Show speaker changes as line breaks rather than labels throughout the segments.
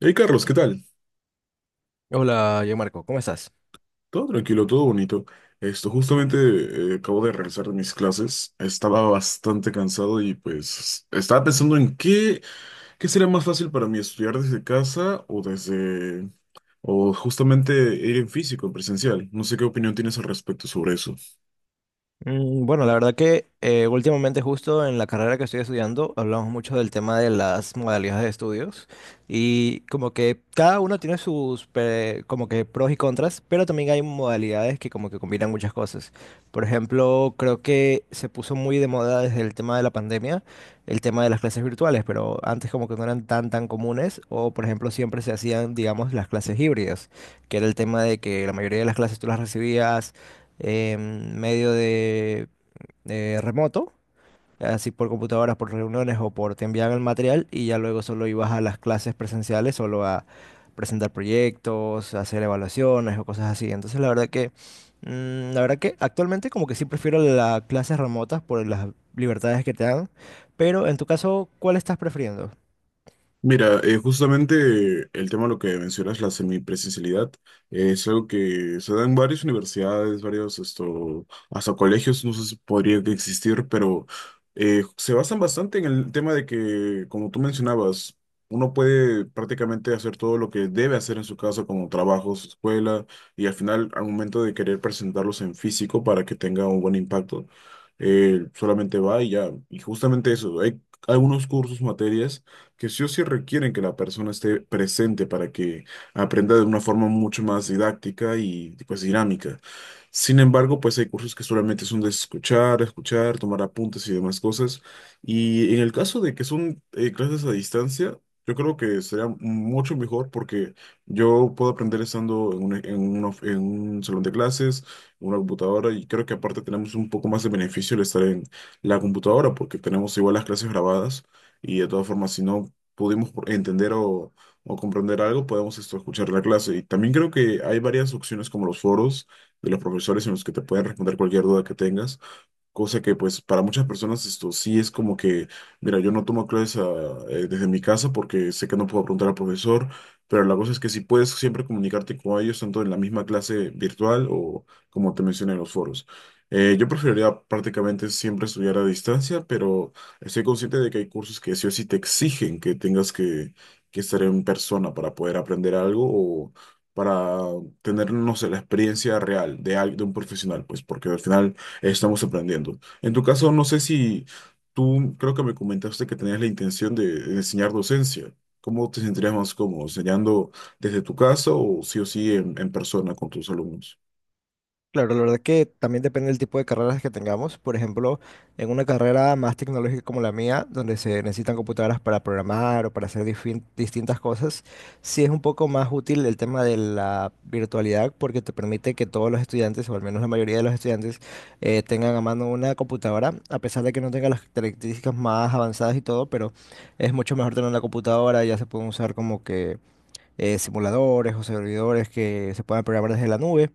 Hey Carlos, ¿qué tal?
Hola, yo Marco, ¿cómo estás?
Todo tranquilo, todo bonito. Esto, justamente acabo de regresar de mis clases. Estaba bastante cansado y pues estaba pensando en qué sería más fácil para mí estudiar desde casa o justamente ir en físico, en presencial. No sé qué opinión tienes al respecto sobre eso.
Mm, bueno, la verdad que últimamente justo en la carrera que estoy estudiando hablamos mucho del tema de las modalidades de estudios y como que cada uno tiene como que pros y contras, pero también hay modalidades que como que combinan muchas cosas. Por ejemplo, creo que se puso muy de moda desde el tema de la pandemia el tema de las clases virtuales, pero antes como que no eran tan comunes o por ejemplo siempre se hacían, digamos, las clases híbridas, que era el tema de que la mayoría de las clases tú las recibías medio de remoto, así por computadoras, por reuniones o por te enviaban el material y ya luego solo ibas a las clases presenciales, solo a presentar proyectos, hacer evaluaciones o cosas así. Entonces la verdad que, la verdad que actualmente como que sí prefiero las clases remotas por las libertades que te dan, pero en tu caso, ¿cuál estás prefiriendo?
Mira, justamente el tema de lo que mencionas, la semipresencialidad, es algo que se da en varias universidades, varios, esto, hasta colegios, no sé si podría que existir, pero se basan bastante en el tema de que, como tú mencionabas, uno puede prácticamente hacer todo lo que debe hacer en su casa, como trabajos, escuela, y al final, al momento de querer presentarlos en físico para que tenga un buen impacto, solamente va y ya. Y justamente eso, hay algunos cursos, materias que sí o sí requieren que la persona esté presente para que aprenda de una forma mucho más didáctica y pues dinámica. Sin embargo, pues hay cursos que solamente son de escuchar, escuchar, tomar apuntes y demás cosas. Y en el caso de que son clases a distancia, yo creo que sería mucho mejor porque yo puedo aprender estando en un en un salón de clases, en una computadora, y creo que aparte tenemos un poco más de beneficio el estar en la computadora porque tenemos igual las clases grabadas y de todas formas, si no pudimos entender o comprender algo, podemos esto, escuchar la clase. Y también creo que hay varias opciones como los foros de los profesores en los que te pueden responder cualquier duda que tengas. Cosa que pues para muchas personas esto sí es como que, mira, yo no tomo clases ah, desde mi casa porque sé que no puedo preguntar al profesor, pero la cosa es que sí puedes siempre comunicarte con ellos, tanto en la misma clase virtual o como te mencioné en los foros. Yo preferiría prácticamente siempre estudiar a distancia, pero estoy consciente de que hay cursos que sí o sí te exigen que estar en persona para poder aprender algo o para tener, no sé, la experiencia real de un profesional, pues porque al final estamos aprendiendo. En tu caso, no sé si tú, creo que me comentaste que tenías la intención de enseñar docencia. ¿Cómo te sentirías más cómodo, enseñando desde tu casa o sí en persona con tus alumnos?
Claro, la verdad que también depende del tipo de carreras que tengamos. Por ejemplo, en una carrera más tecnológica como la mía, donde se necesitan computadoras para programar o para hacer distintas cosas, sí es un poco más útil el tema de la virtualidad porque te permite que todos los estudiantes, o al menos la mayoría de los estudiantes, tengan a mano una computadora, a pesar de que no tenga las características más avanzadas y todo, pero es mucho mejor tener una computadora, ya se pueden usar como que simuladores o servidores que se puedan programar desde la nube,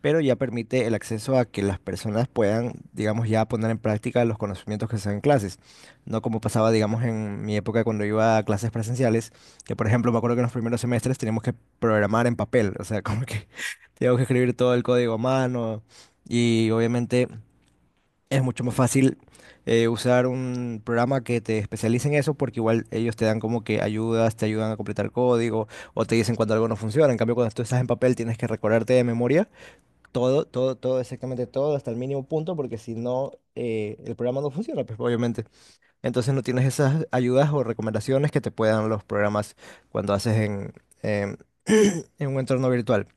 pero ya permite el acceso a que las personas puedan, digamos, ya poner en práctica los conocimientos que se dan en clases. No como pasaba, digamos, en mi época cuando iba a clases presenciales, que por ejemplo me acuerdo que en los primeros semestres teníamos que programar en papel, o sea, como que teníamos que escribir todo el código a mano y obviamente... Es mucho más fácil usar un programa que te especialice en eso porque igual ellos te dan como que ayudas, te ayudan a completar código o te dicen cuando algo no funciona. En cambio, cuando tú estás en papel tienes que recordarte de memoria todo, todo, todo, exactamente todo hasta el mínimo punto porque si no, el programa no funciona, pues obviamente. Entonces no tienes esas ayudas o recomendaciones que te puedan los programas cuando haces em, en un entorno virtual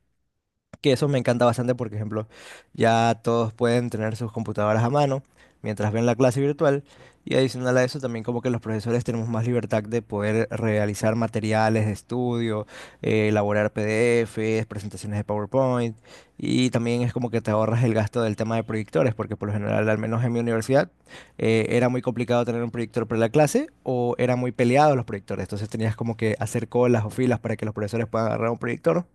que eso me encanta bastante, por ejemplo, ya todos pueden tener sus computadoras a mano mientras ven la clase virtual y adicional a eso también como que los profesores tenemos más libertad de poder realizar materiales de estudio, elaborar PDFs, presentaciones de PowerPoint y también es como que te ahorras el gasto del tema de proyectores, porque por lo general, al menos en mi universidad, era muy complicado tener un proyector para la clase o era muy peleado los proyectores, entonces tenías como que hacer colas o filas para que los profesores puedan agarrar un proyector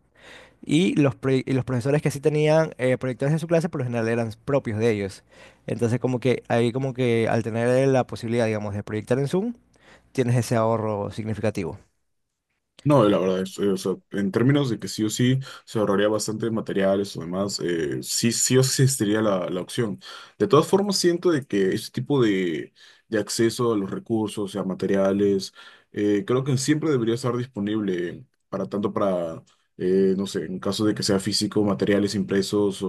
y y los profesores que sí tenían proyectores en su clase, por lo general eran propios de ellos. Entonces, como que ahí como que al tener la posibilidad, digamos, de proyectar en Zoom, tienes ese ahorro significativo.
No, la verdad es, o sea, en términos de que sí o sí se ahorraría bastante materiales o demás, sí, sí o sí existiría la opción. De todas formas, siento de que este tipo de acceso a los recursos y a materiales, creo que siempre debería estar disponible para tanto no sé, en caso de que sea físico, materiales impresos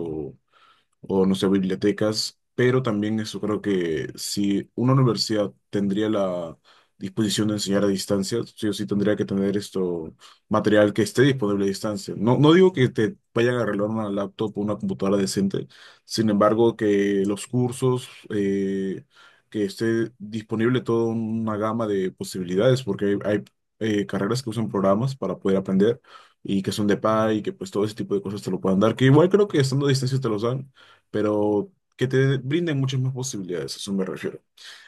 o no sé, bibliotecas, pero también eso creo que si una universidad tendría la disposición de enseñar a distancia, sí o sí tendría que tener esto, material que esté disponible a distancia. No, no digo que te vayan a arreglar una laptop o una computadora decente, sin embargo, que los cursos, que esté disponible toda una gama de posibilidades, porque hay, carreras que usan programas para poder aprender y que son de paga y que pues todo ese tipo de cosas te lo puedan dar, que igual creo que estando a distancia te los dan, pero que te brinden muchas más posibilidades, a eso me refiero.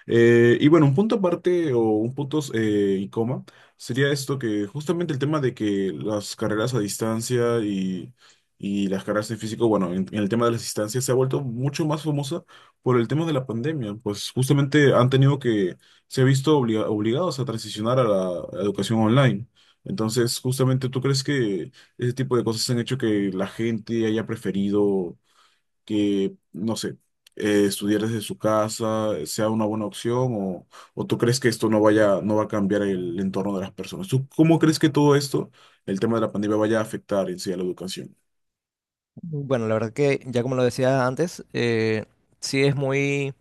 Y bueno, un punto aparte o un punto y coma sería esto que justamente el tema de que las carreras a distancia y las carreras en físico, bueno, en el tema de las distancias se ha vuelto mucho más famosa por el tema de la pandemia, pues justamente han tenido que, se ha visto obligados a transicionar a la educación online. Entonces, justamente, ¿tú crees que ese tipo de cosas han hecho que la gente haya preferido que, no sé, estudiar desde su casa sea una buena opción o tú crees que esto no va a cambiar el entorno de las personas? ¿Tú cómo crees que todo esto, el tema de la pandemia, vaya a afectar en sí a la educación?
Bueno, la verdad que ya como lo decía antes, sí es muy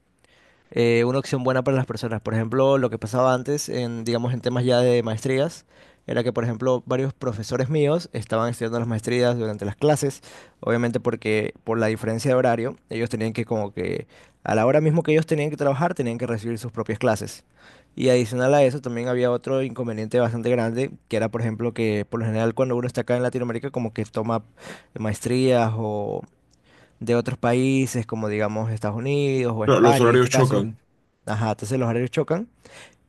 una opción buena para las personas. Por ejemplo, lo que pasaba antes en, digamos, en temas ya de maestrías, era que, por ejemplo, varios profesores míos estaban estudiando las maestrías durante las clases, obviamente porque por la diferencia de horario, ellos tenían que como que a la hora mismo que ellos tenían que trabajar, tenían que recibir sus propias clases. Y adicional a eso, también había otro inconveniente bastante grande, que era, por ejemplo, que por lo general cuando uno está acá en Latinoamérica, como que toma maestrías o de otros países, como digamos Estados Unidos o
Claro, los
España en este
horarios
caso.
chocan.
Ajá, entonces los horarios chocan.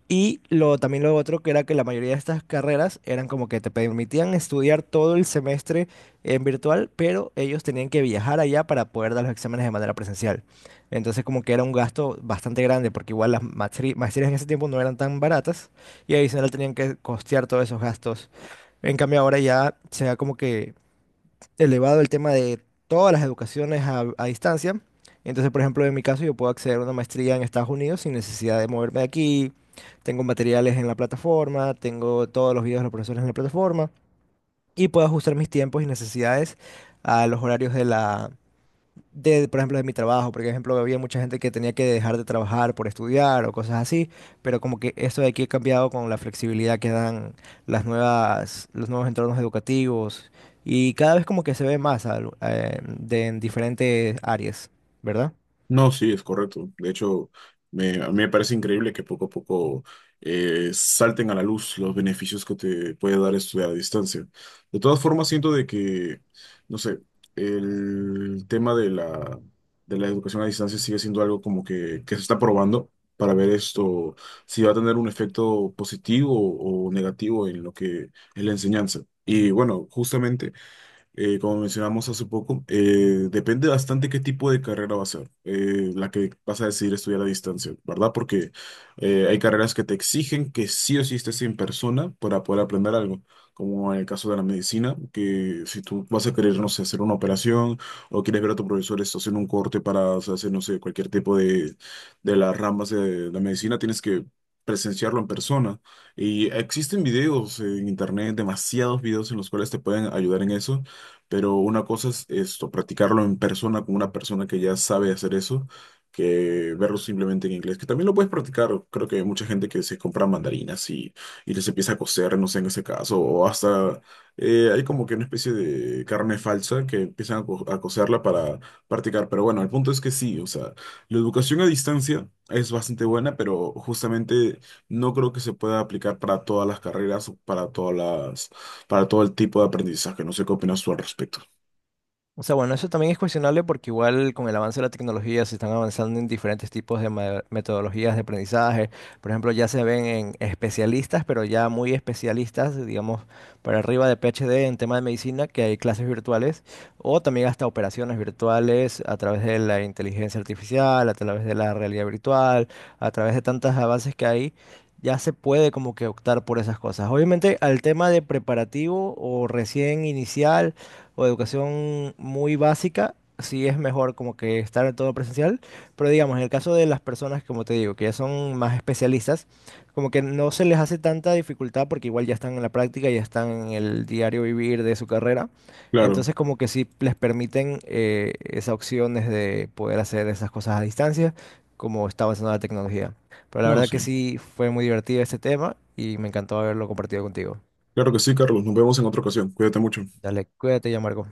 Y lo, también lo otro que era que la mayoría de estas carreras eran como que te permitían estudiar todo el semestre en virtual, pero ellos tenían que viajar allá para poder dar los exámenes de manera presencial. Entonces como que era un gasto bastante grande, porque igual las maestrías en ese tiempo no eran tan baratas y adicional tenían que costear todos esos gastos. En cambio ahora ya se da como que elevado el tema de todas las educaciones a distancia. Entonces, por ejemplo, en mi caso, yo puedo acceder a una maestría en Estados Unidos sin necesidad de moverme de aquí. Tengo materiales en la plataforma, tengo todos los videos de los profesores en la plataforma y puedo ajustar mis tiempos y necesidades a los horarios de la, de, por ejemplo, de mi trabajo, porque, por ejemplo, había mucha gente que tenía que dejar de trabajar por estudiar o cosas así, pero como que esto de aquí ha cambiado con la flexibilidad que dan las nuevas, los nuevos entornos educativos y cada vez como que se ve de, en diferentes áreas, ¿verdad?
No, sí, es correcto. De hecho, a mí me parece increíble que poco a poco salten a la luz los beneficios que te puede dar estudiar a distancia. De todas formas, siento de que, no sé, el tema de de la educación a distancia sigue siendo algo como que se está probando para ver esto, si va a tener un efecto positivo o negativo en lo que es la enseñanza. Y bueno, justamente como mencionamos hace poco, depende bastante qué tipo de carrera va a ser, la que vas a decidir estudiar a distancia, ¿verdad? Porque hay carreras que te exigen que sí o sí estés en persona para poder aprender algo, como en el caso de la medicina, que si tú vas a querer, no sé, hacer una operación o quieres ver a tu profesor, estás haciendo un corte para o sea, hacer, no sé, cualquier tipo de las ramas de la medicina, tienes que presenciarlo en persona. Y existen videos en internet, demasiados videos en los cuales te pueden ayudar en eso. Pero una cosa es esto, practicarlo en persona con una persona que ya sabe hacer eso, que verlo simplemente en inglés, que también lo puedes practicar. Creo que hay mucha gente que se compra mandarinas y les empieza a coser, no sé, en ese caso, o hasta hay como que una especie de carne falsa que empiezan a coserla para practicar. Pero bueno, el punto es que sí, o sea, la educación a distancia es bastante buena, pero justamente no creo que se pueda aplicar para todas las carreras o para todas las para todo el tipo de aprendizaje. No sé qué opinas tú al respecto.
O sea, bueno, eso también es cuestionable porque igual con el avance de la tecnología se están avanzando en diferentes tipos de metodologías de aprendizaje. Por ejemplo, ya se ven en especialistas, pero ya muy especialistas, digamos, para arriba de PhD en tema de medicina, que hay clases virtuales o también hasta operaciones virtuales a través de la inteligencia artificial, a través de la realidad virtual, a través de tantos avances que hay. Ya se puede como que optar por esas cosas. Obviamente al tema de preparativo o recién inicial o educación muy básica, sí es mejor como que estar en todo presencial, pero digamos, en el caso de las personas, como te digo, que ya son más especialistas, como que no se les hace tanta dificultad porque igual ya están en la práctica, ya están en el diario vivir de su carrera,
Claro,
entonces como que sí les permiten esas opciones de poder hacer esas cosas a distancia, como está avanzando la tecnología. Pero la
no,
verdad que
sí.
sí fue muy divertido este tema y me encantó haberlo compartido contigo.
Claro que sí, Carlos. Nos vemos en otra ocasión. Cuídate mucho.
Dale, cuídate ya, Marco.